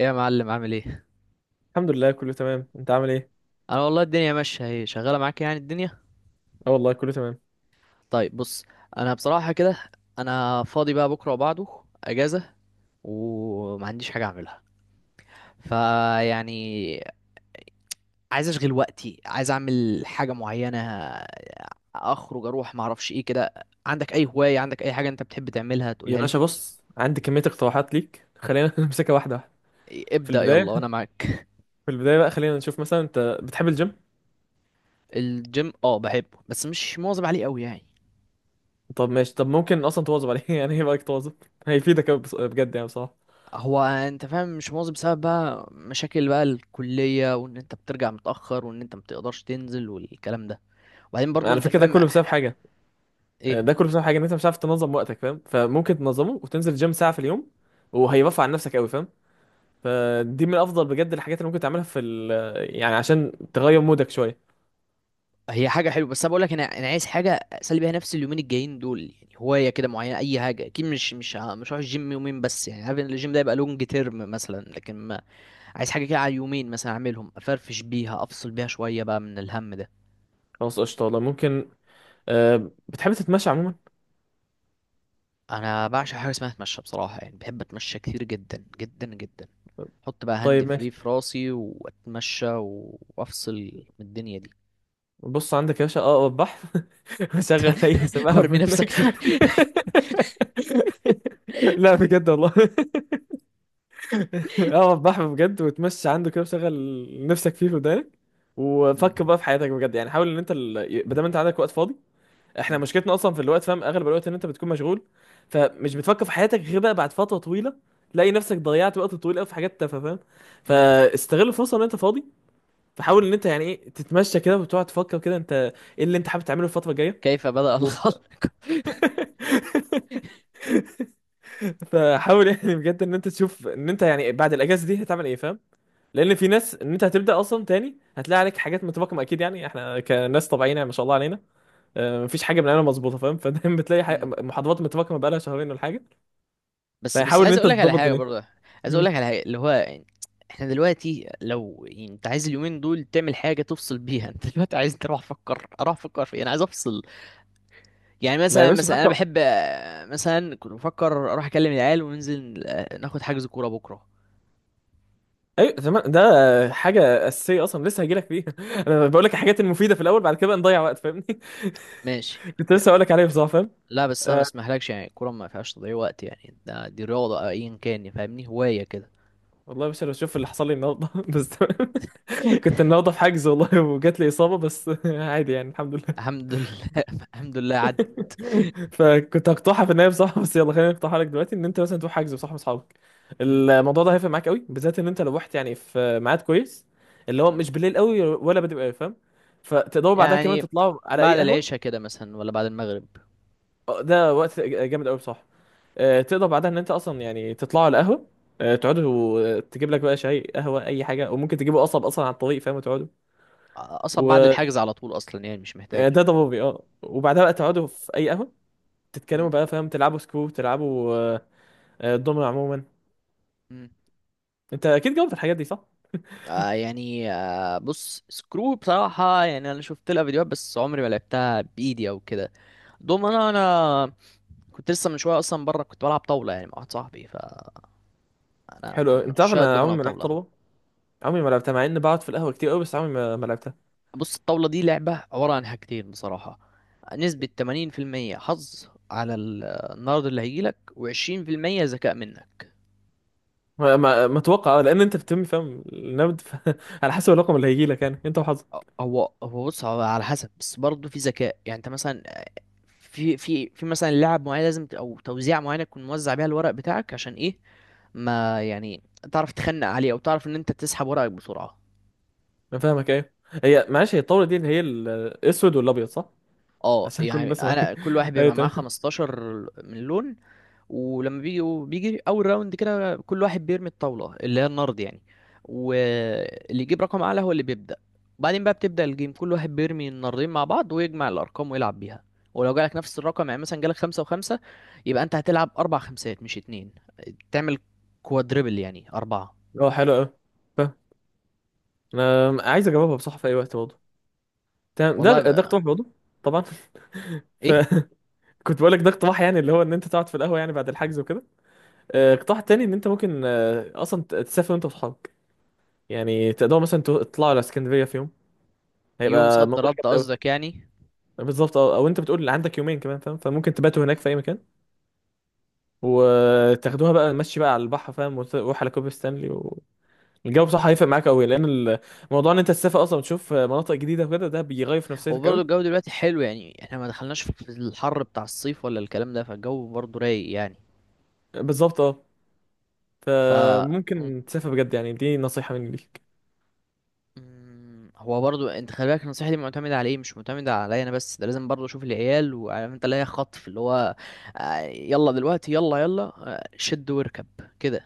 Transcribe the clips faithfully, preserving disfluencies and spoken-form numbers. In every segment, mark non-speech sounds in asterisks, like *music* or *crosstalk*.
ايه يا معلم، عامل ايه؟ الحمد لله كله تمام. انت عامل ايه؟ انا والله الدنيا ماشيه، اهي شغاله معاك، يعني الدنيا. اه والله كله تمام. طيب، بص. انا بصراحه كده، انا فاضي بقى بكره وبعده، اجازه، وما عنديش حاجه اعملها، فيعني، عايز اشغل وقتي، عايز اعمل حاجه معينه، اخرج اروح، ما اعرفش ايه كده. عندك اي هوايه، عندك اي حاجه انت بتحب تعملها يا تقولها باشا لي؟ بص عندي كمية اقتراحات ليك، خلينا *laughs* نمسكها واحدة واحدة. إيه، في ابدا، البداية يلا وانا معاك. في البداية بقى خلينا نشوف، مثلا انت بتحب الجيم؟ الجيم اه، بحبه، بس مش مواظب عليه قوي يعني. طب ماشي، طب ممكن اصلا تواظب عليه *laughs* يعني ايه رايك تواظب؟ هيفيدك أوي، بص- بجد يعني بصراحة. هو انت فاهم، مش مواظب بسبب بقى مشاكل بقى الكلية، وان انت بترجع متأخر، وان انت متقدرش تنزل والكلام ده. وبعدين برضو على انت فكرة ده فاهم. كله بسبب حاجة. ايه؟ ده كله بسبب حاجة ان انت مش عارف تنظم وقتك، فاهم؟ فممكن تنظمه وتنزل جيم ساعة في اليوم، وهيرفع عن نفسك قوي، فاهم؟ فدي من افضل بجد الحاجات اللي ممكن تعملها في ال... يعني عشان تغير مودك شوية. هي حاجة حلوة، بس انا بقول لك، انا انا عايز حاجة اسلي بيها نفسي اليومين الجايين دول، يعني هواية كده معينة اي حاجة، اكيد مش مش ه- مش هروح الجيم يومين بس، يعني عارف ان الجيم ده يبقى لونج تيرم مثلا، لكن ما عايز حاجة كده على يومين، مثلا اعملهم افرفش بيها، افصل بيها شوية بقى من الهم ده. خلاص قشطة، والله ممكن. أه بتحب تتمشى عموما؟ انا بعشق حاجة اسمها اتمشى بصراحة، يعني بحب اتمشى كتير، جدا جدا جدا. احط بقى هاند طيب ماشي. فري في راسي واتمشى و- وافصل من الدنيا دي. بص عندك يا باشا، اه وضح *laughs* وشغل اي *laughs* سماعه وارمي منك. نفسك فيه. *laughs* لا بجد والله، *laughs* اه وضح بجد، وتمشي عنده كده وشغل نفسك فيه في ودانك، وفكر مم. بقى في حياتك بجد. يعني حاول ان انت ال... بدل ما انت عندك وقت فاضي، احنا مم. مشكلتنا اصلا في الوقت، فاهم؟ اغلب الوقت ان انت بتكون مشغول، فمش بتفكر في حياتك غير بقى بعد فتره طويله. تلاقي نفسك ضيعت وقت طويل قوي في حاجات تافهه، فاهم؟ مم. فاستغل الفرصه ان انت فاضي. مم. فحاول ان انت يعني ايه تتمشى كده وتقعد تفكر كده انت، ايه اللي انت حابب تعمله الفتره الجايه؟ كيف بدأ الخلق؟ *laughs* فحاول يعني بجد ان انت تشوف ان انت يعني بعد الاجازه دي هتعمل ايه، فاهم؟ لان في ناس ان انت هتبدا اصلا تاني هتلاقي عليك حاجات متراكمه اكيد، يعني احنا كناس طبيعيين يعني ما شاء الله علينا. آه، مفيش حاجه بنعملها مظبوطه، فاهم؟ *laughs* فدايما بتلاقي حاجة مم. محاضرات متراكمه بقالها شهرين ولا حاجه. بس بس فحاول ان عايز انت اقول لك على تظبط حاجه دنيتك. برضه، عايز اقول مم. لك على حاجه، اللي هو يعني، احنا دلوقتي لو يعني انت عايز اليومين دول تعمل حاجه تفصل بيها، انت دلوقتي عايز تروح افكر اروح افكر في إيه؟ انا عايز افصل. يعني ما يا مثلا باشا مثلا انا فكر، بحب، آه، مثلا كنت بفكر اروح اكلم العيال وننزل، آه، ناخد حجز كوره بكره. ايوه تمام ده حاجه اساسيه اصلا، لسه هجيلك فيها *laughs* انا بقول لك الحاجات المفيده في الاول، بعد كده بقى نضيع وقت، فاهمني؟ *laughs* ماشي. كنت لسه هقول لك عليها بصراحه، فاهم؟ لا، بس انا ما آه، اسمحلكش، يعني الكوره ما فيهاش تضييع وقت، يعني ده دي رياضه أو ايا كان، يعني فاهمني، هوايه كده. والله مش انا بشوف اللي حصل لي النهارده *laughs* بس تمام. كنت النهارده في حجز والله، وجات لي اصابه بس *laughs* عادي يعني، الحمد لله. الحمد لله، *laughs* الحمد لله عدت. *laughs* فكنت هقطعها في النهايه بصراحه، بس يلا خلينا نقطعها لك دلوقتي، ان انت مثلا تروح حجز بصح اصحابك. مم. الموضوع ده هيفرق معاك قوي، بالذات ان انت لو رحت يعني في ميعاد كويس، اللي هو مم. مش بالليل قوي ولا بدري قوي، فاهم؟ فتقدروا بعدها كمان يعني تطلعوا على اي بعد قهوه. العشاء كده مثلا، ولا بعد المغرب؟ آه، ده وقت جامد قوي بصراحه. آه، تقدر بعدها ان انت اصلا يعني تطلعوا على قهوه، آه، تقعدوا، آه، تجيب لك بقى شاي قهوه اي حاجه، وممكن تجيبوا قصب اصلا على الطريق، فاهم؟ وتقعدوا اصلا بعد و الحجز على طول، اصلا يعني مش ده محتاجه. ده ضبابي اه. وبعدها بقى تقعدوا في اي قهوه تتكلموا مم. بقى، فاهم؟ تلعبوا سكرو، تلعبوا آه، آه، دومينو عموما. مم. انت اكيد جاوبت الحاجات دي صح؟ آه يعني، آه بص سكرو بصراحه، يعني انا شفت لها فيديوهات، بس عمري ما لعبتها بايدي او كده. دومنا، انا كنت لسه من شويه اصلا بره، كنت بلعب طاوله يعني مع واحد صاحبي، فانا حلو أوي. من انت عارف عشاق انا الدومنه عمري ما لعبت والطاوله. طلبه، عمري ما لعبتها مع اني بقعد في القهوه كتير قوي، بس عمري ما ما لعبتها. بص، الطاولة دي لعبة عبارة عن حاجتين بصراحة. نسبة ثمانين في المية حظ على ال- النرد اللي هيجيلك، و20% ذكاء منك. ما ما- ما اتوقع آه، لان انت بتتم فاهم النبض ف... *laughs* على حسب الرقم اللي هيجي لك، يعني انت وحظك. هو هو بص، هو على حسب، بس برضه في ذكاء، يعني انت مثلا، في في في مثلا لعب معين لازم ت- او توزيع معينة تكون موزع بيها الورق بتاعك، عشان ايه، ما يعني، تعرف تخنق عليه، او تعرف ان انت تسحب ورقك بسرعة. انا فاهمك ايوه. هي معلش هي الطاوله دي اللي هي ال- الاسود والابيض صح؟ اه عشان اكون يعني، بس معاك انا كل واحد *laughs* ايوه بيبقى معاه تمام. خمستاشر من لون. ولما بيجي بيجي اول راوند كده، كل واحد بيرمي الطاوله اللي هي النرد يعني. واللي يجيب رقم اعلى هو اللي بيبدا. بعدين بقى بتبدا الجيم، كل واحد بيرمي النردين مع بعض ويجمع الارقام ويلعب بيها. ولو جالك نفس الرقم، يعني مثلا جالك خمسة وخمسة، يبقى انت هتلعب اربع خمسات مش اتنين. تعمل كوادريبل، يعني اربعة. اه حلو قوي، فاهم. انا عايز اجاوبها بصح في اي وقت برضه، تمام. ده والله ده بقى. اقتراح برضه. طبعا *laughs* ايه؟ فكنت *laughs* بقول لك ده اقتراح، يعني اللي هو ان انت تقعد في القهوه يعني بعد الحجز وكده. آه، مم. اقتراح تاني، ان انت ممكن آه، اصلا ت- تسافر انت واصحابك، يعني تقدروا مثلا تو- تطلعوا على اسكندريه في يوم، يوم هيبقى صد موضوع رد جامد قوي. قصدك يعني؟ بالظبط اه، او انت بتقول عندك يومين كمان، فاهم؟ فممكن تباتوا هناك في اي مكان، وتاخدوها بقى مشي بقى على البحر، فاهم؟ وتروح على كوبري ستانلي. والجو بصراحه هيفرق معاك قوي، لان الموضوع ان انت تسافر اصلا وتشوف مناطق جديده وكده، ده بيغير في نفسيتك وبرضه الجو قوي. دلوقتي حلو، يعني احنا ما دخلناش في الحر بتاع الصيف ولا الكلام ده، فالجو برضه رايق يعني. بالظبط اه، ف فممكن تسافر بجد، يعني دي نصيحه مني ليك. مم، هو برضو انت خلي بالك النصيحه دي معتمده على ايه، مش معتمده عليا انا بس، ده لازم برضو اشوف العيال، وعارف انت اللي هي خطف اللي هو، آه، يلا دلوقتي، يلا يلا آه، شد واركب كده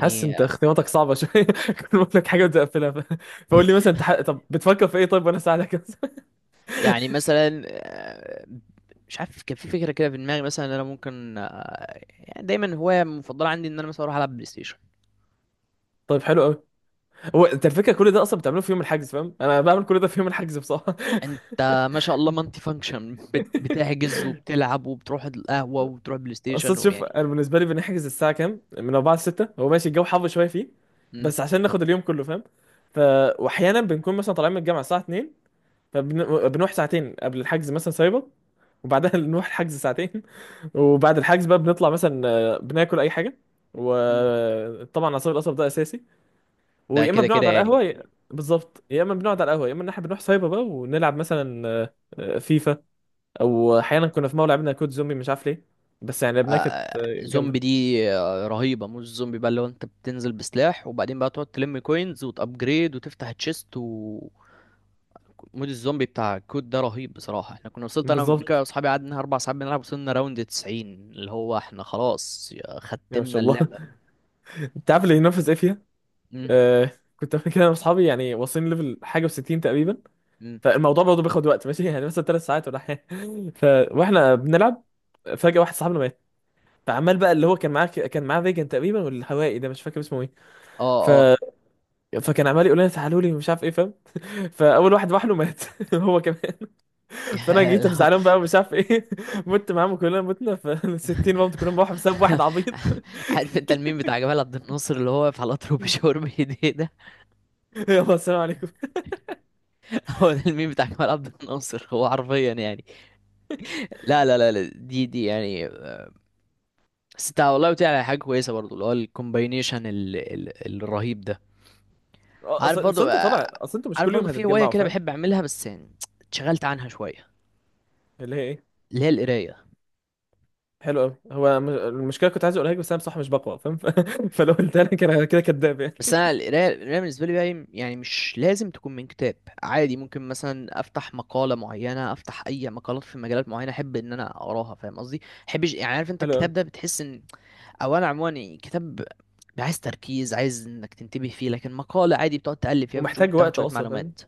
حاسس انت اختياراتك صعبه شويه *laughs* كل ما اقول لك حاجه بتقفلها ف... فقول لي مثلا انت ح... طب بتفكر في ايه طيب وانا اساعدك. يعني مثلا آه، مش عارف، كان في فكره كده في دماغي، مثلا ان انا ممكن، آه، يعني دايما هوايه مفضله عندي ان انا مثلا اروح العب بلاي ستيشن. *laughs* طيب حلو قوي. هو انت الفكره كل ده اصلا بتعمله في يوم الحجز، فاهم؟ انا بعمل كل ده في يوم الحجز بصراحه. انت ما شاء الله مالتي فانكشن، بت- *laughs* بتحجز وبتلعب وبتروح القهوه وبتروح بلاي ستيشن، اصل شوف ويعني. انا بالنسبه لي بنحجز الساعه كام، من أربعة ل ستة. هو ماشي الجو حر شويه فيه، مم، بس عشان ناخد اليوم كله، فاهم؟ ف واحيانا بنكون مثلا طالعين من الجامعه الساعه اتنين، فبنروح ساعتين قبل الحجز مثلا سايبر، وبعدها *laughs* نروح الحجز ساعتين. وبعد الحجز بقى بنطلع مثلا آه، بناكل اي حاجه، مم. وطبعا عصير القصب ده اساسي. ده ويا اما كده كده بنقعد على يعني. القهوه يا- بالظبط، يا اما بنقعد على القهوه، يا اما ان احنا بنروح سايبر بقى ونلعب مثلا آه، آه، فيفا. او احيانا كنا في مره لعبنا كود زومبي، مش عارف ليه، بس يعني لعبناها كانت آه، آه، جامده زومبي دي. آه، رهيبة، مش زومبي بقى، اللي هو انت بتنزل بسلاح، وبعدين بقى تقعد تلم كوينز وتأبجريد وتفتح تشيست، و مود الزومبي بتاع كود ده رهيب بصراحة، احنا كنا وصلت انا قبل كده بالظبط. واصحابي، قعدنا اربع ساعات بنلعب، وصلنا راوند تسعين، اللي هو احنا خلاص يا- يا ما ختمنا شاء الله اللعبة. *laughs* انت عارف اللي ينافس ايه فيها؟ امم. آه، كنت قبل كده انا واصحابي يعني واصلين ليفل حاجه و60 تقريبا. امم. فالموضوع برضه بياخد وقت، ماشي يعني مثلا ثلاث ساعات ولا حاجه *laughs* ف... واحنا بنلعب، فجاه واحد صاحبنا، فعمال بقى اللي هو كان معاه كان معاه فيجن تقريبا، والهوائي ده مش فاكر اسمه ايه ف... اه، اه. فكان عمال يقول لنا تعالوا لي ومش عارف ايه، فاهم؟ فاول واحد راح له مات *laughs* هو كمان. *laughs* فانا يا جيت لا. افزعلهم بقى ومش عارف ايه *laughs* مت معاهم، كلنا متنا، ف ستين برضه كلهم راحوا بسبب واحد عبيط. عارف انت الميم بتاع جمال عبد الناصر اللي هو واقف على القطر وبيشاور *laughs* بايديه ده؟ يلا السلام عليكم. *laughs* هو ده الميم بتاع جمال عبد الناصر، هو حرفيا يعني. لا لا لا لا، دي دي يعني آه، بس انت والله قلت لي على حاجه كويسه برضو، اللي هو الكومباينيشن ال... ال... الرهيب ده. عارف اصل اصل برضو انت آه، طالع، اصل انتوا مش عارف كل يوم برضو في هوايه هتتجمعوا، كده فاهم؟ بحب اعملها بس يعني، اتشغلت عنها شويه. اللي هي ايه؟ اللي هي القرايه. حلو قوي. هو م- المشكله كنت عايز اقولها لك، بس انا بصراحه مش بقوى، فاهم؟ *laughs* ف... فلو قلتها لك انا كده كداب يعني. بس انا القرايه القرايه بالنسبه لي بقى، يعني مش لازم تكون من كتاب. عادي ممكن مثلا افتح مقاله معينه، افتح اي مقالات في مجالات معينه احب ان انا اقراها، فاهم قصدي. احبش يعني، عارف *laughs* انت حلو قوي. الكتاب ده بتحس ان، او انا عموما يعني كتاب، عايز تركيز، عايز انك تنتبه فيه، لكن مقالة عادي بتقعد تقلب فيها، بتشوف ومحتاج بتاخد وقت شوية اصلا، فاهمني؟ معلومات.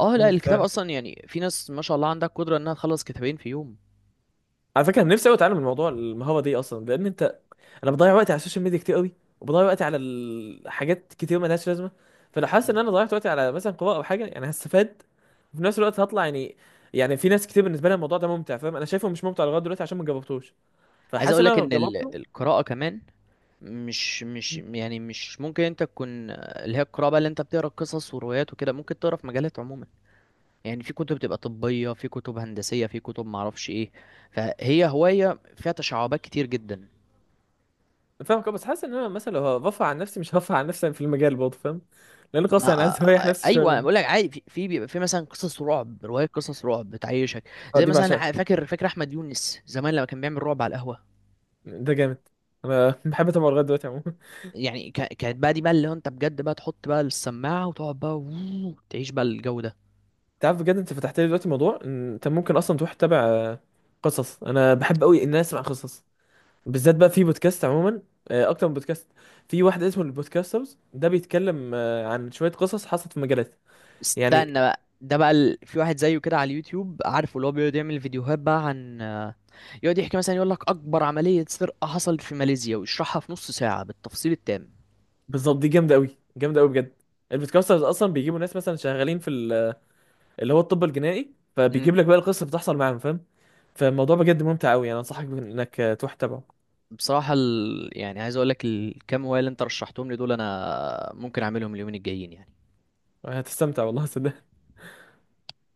اه، لا امم الكتاب فعلا. اصلا يعني، في ناس ما شاء الله عندها قدرة انها تخلص كتابين في يوم. على فكره نفسي قوي اتعلم الموضوع المهاره دي اصلا، لان انت انا بضيع وقتي على السوشيال ميديا كتير قوي، وبضيع وقتي على الحاجات كتير ملهاش لازمه. فلو حاسس ان مم. انا ضيعت وقتي على مثلا قراءه او حاجه يعني هستفاد، وفي نفس الوقت هطلع يعني، يعني في ناس كتير بالنسبه لها الموضوع ده ممتع، فاهم؟ انا شايفه مش ممتع لغايه دلوقتي عشان ما جربتوش. عايز فحاسس اقول ان انا لك لو ان ال- جربته، القراءة كمان، مش مش يعني مش ممكن انت تكون اللي هي القراءة بقى، اللي انت بتقرا قصص وروايات وكده، ممكن تقرا في مجالات عموما. يعني في كتب بتبقى طبية، في كتب هندسية، في كتب معرفش ايه. فهي هواية فيها تشعبات كتير جدا. فاهمك أه، بس حاسس ان انا مثلا لو هرفع عن نفسي مش هرفع عن نفسي يعني في المجال برضه، فاهم؟ لان خلاص يعني ما عايز اريح نفسي شويه ايوه انا بقول منه. لك عادي، في في بيبقى في مثلا قصص رعب، روايات قصص رعب بتعيشك، اه زي دي مثلا ع- بعشقها، فاكر فاكر احمد يونس زمان لما كان بيعمل رعب على القهوه. ده جامد. انا *laughs* بحب اتابعه لغايه دلوقتي عموما. يعني كا- كانت بقى دي بقى، اللي هو انت بجد بقى تحط بقى السماعه وتقعد بقى ووو تعيش بقى الجو ده. تعرف بجد انت فتحت لي دلوقتي موضوع ان انت ممكن اصلا تروح تتابع آه، قصص. انا بحب قوي ان انا اسمع قصص، بالذات بقى في بودكاست عموما. آه، اكتر من بودكاست، في واحد اسمه البودكاسترز، ده بيتكلم آه، عن شويه قصص حصلت في مجالات يعني. استنى بقى، ده بقى ال... في واحد زيه كده على اليوتيوب، عارفه اللي هو بيقعد يعمل فيديوهات بقى عن آه، يقعد يحكي مثلا، يقول لك اكبر عمليه سرقه حصلت في ماليزيا ويشرحها في نص ساعه بالتفصيل التام. بالظبط، دي جامده قوي جامده قوي بجد. البودكاسترز اصلا بيجيبوا ناس مثلا شغالين في ال- اللي هو الطب الجنائي، فبيجيب لك بقى القصه بتحصل معاهم، فاهم؟ فالموضوع بجد ممتع قوي، يعني انصحك انك آه، تروح تتابعه. بصراحة ال... يعني عايز اقول لك الكام هواية اللي انت رشحتهم لي دول، انا ممكن اعملهم اليومين الجايين يعني. هتستمتع والله صدق.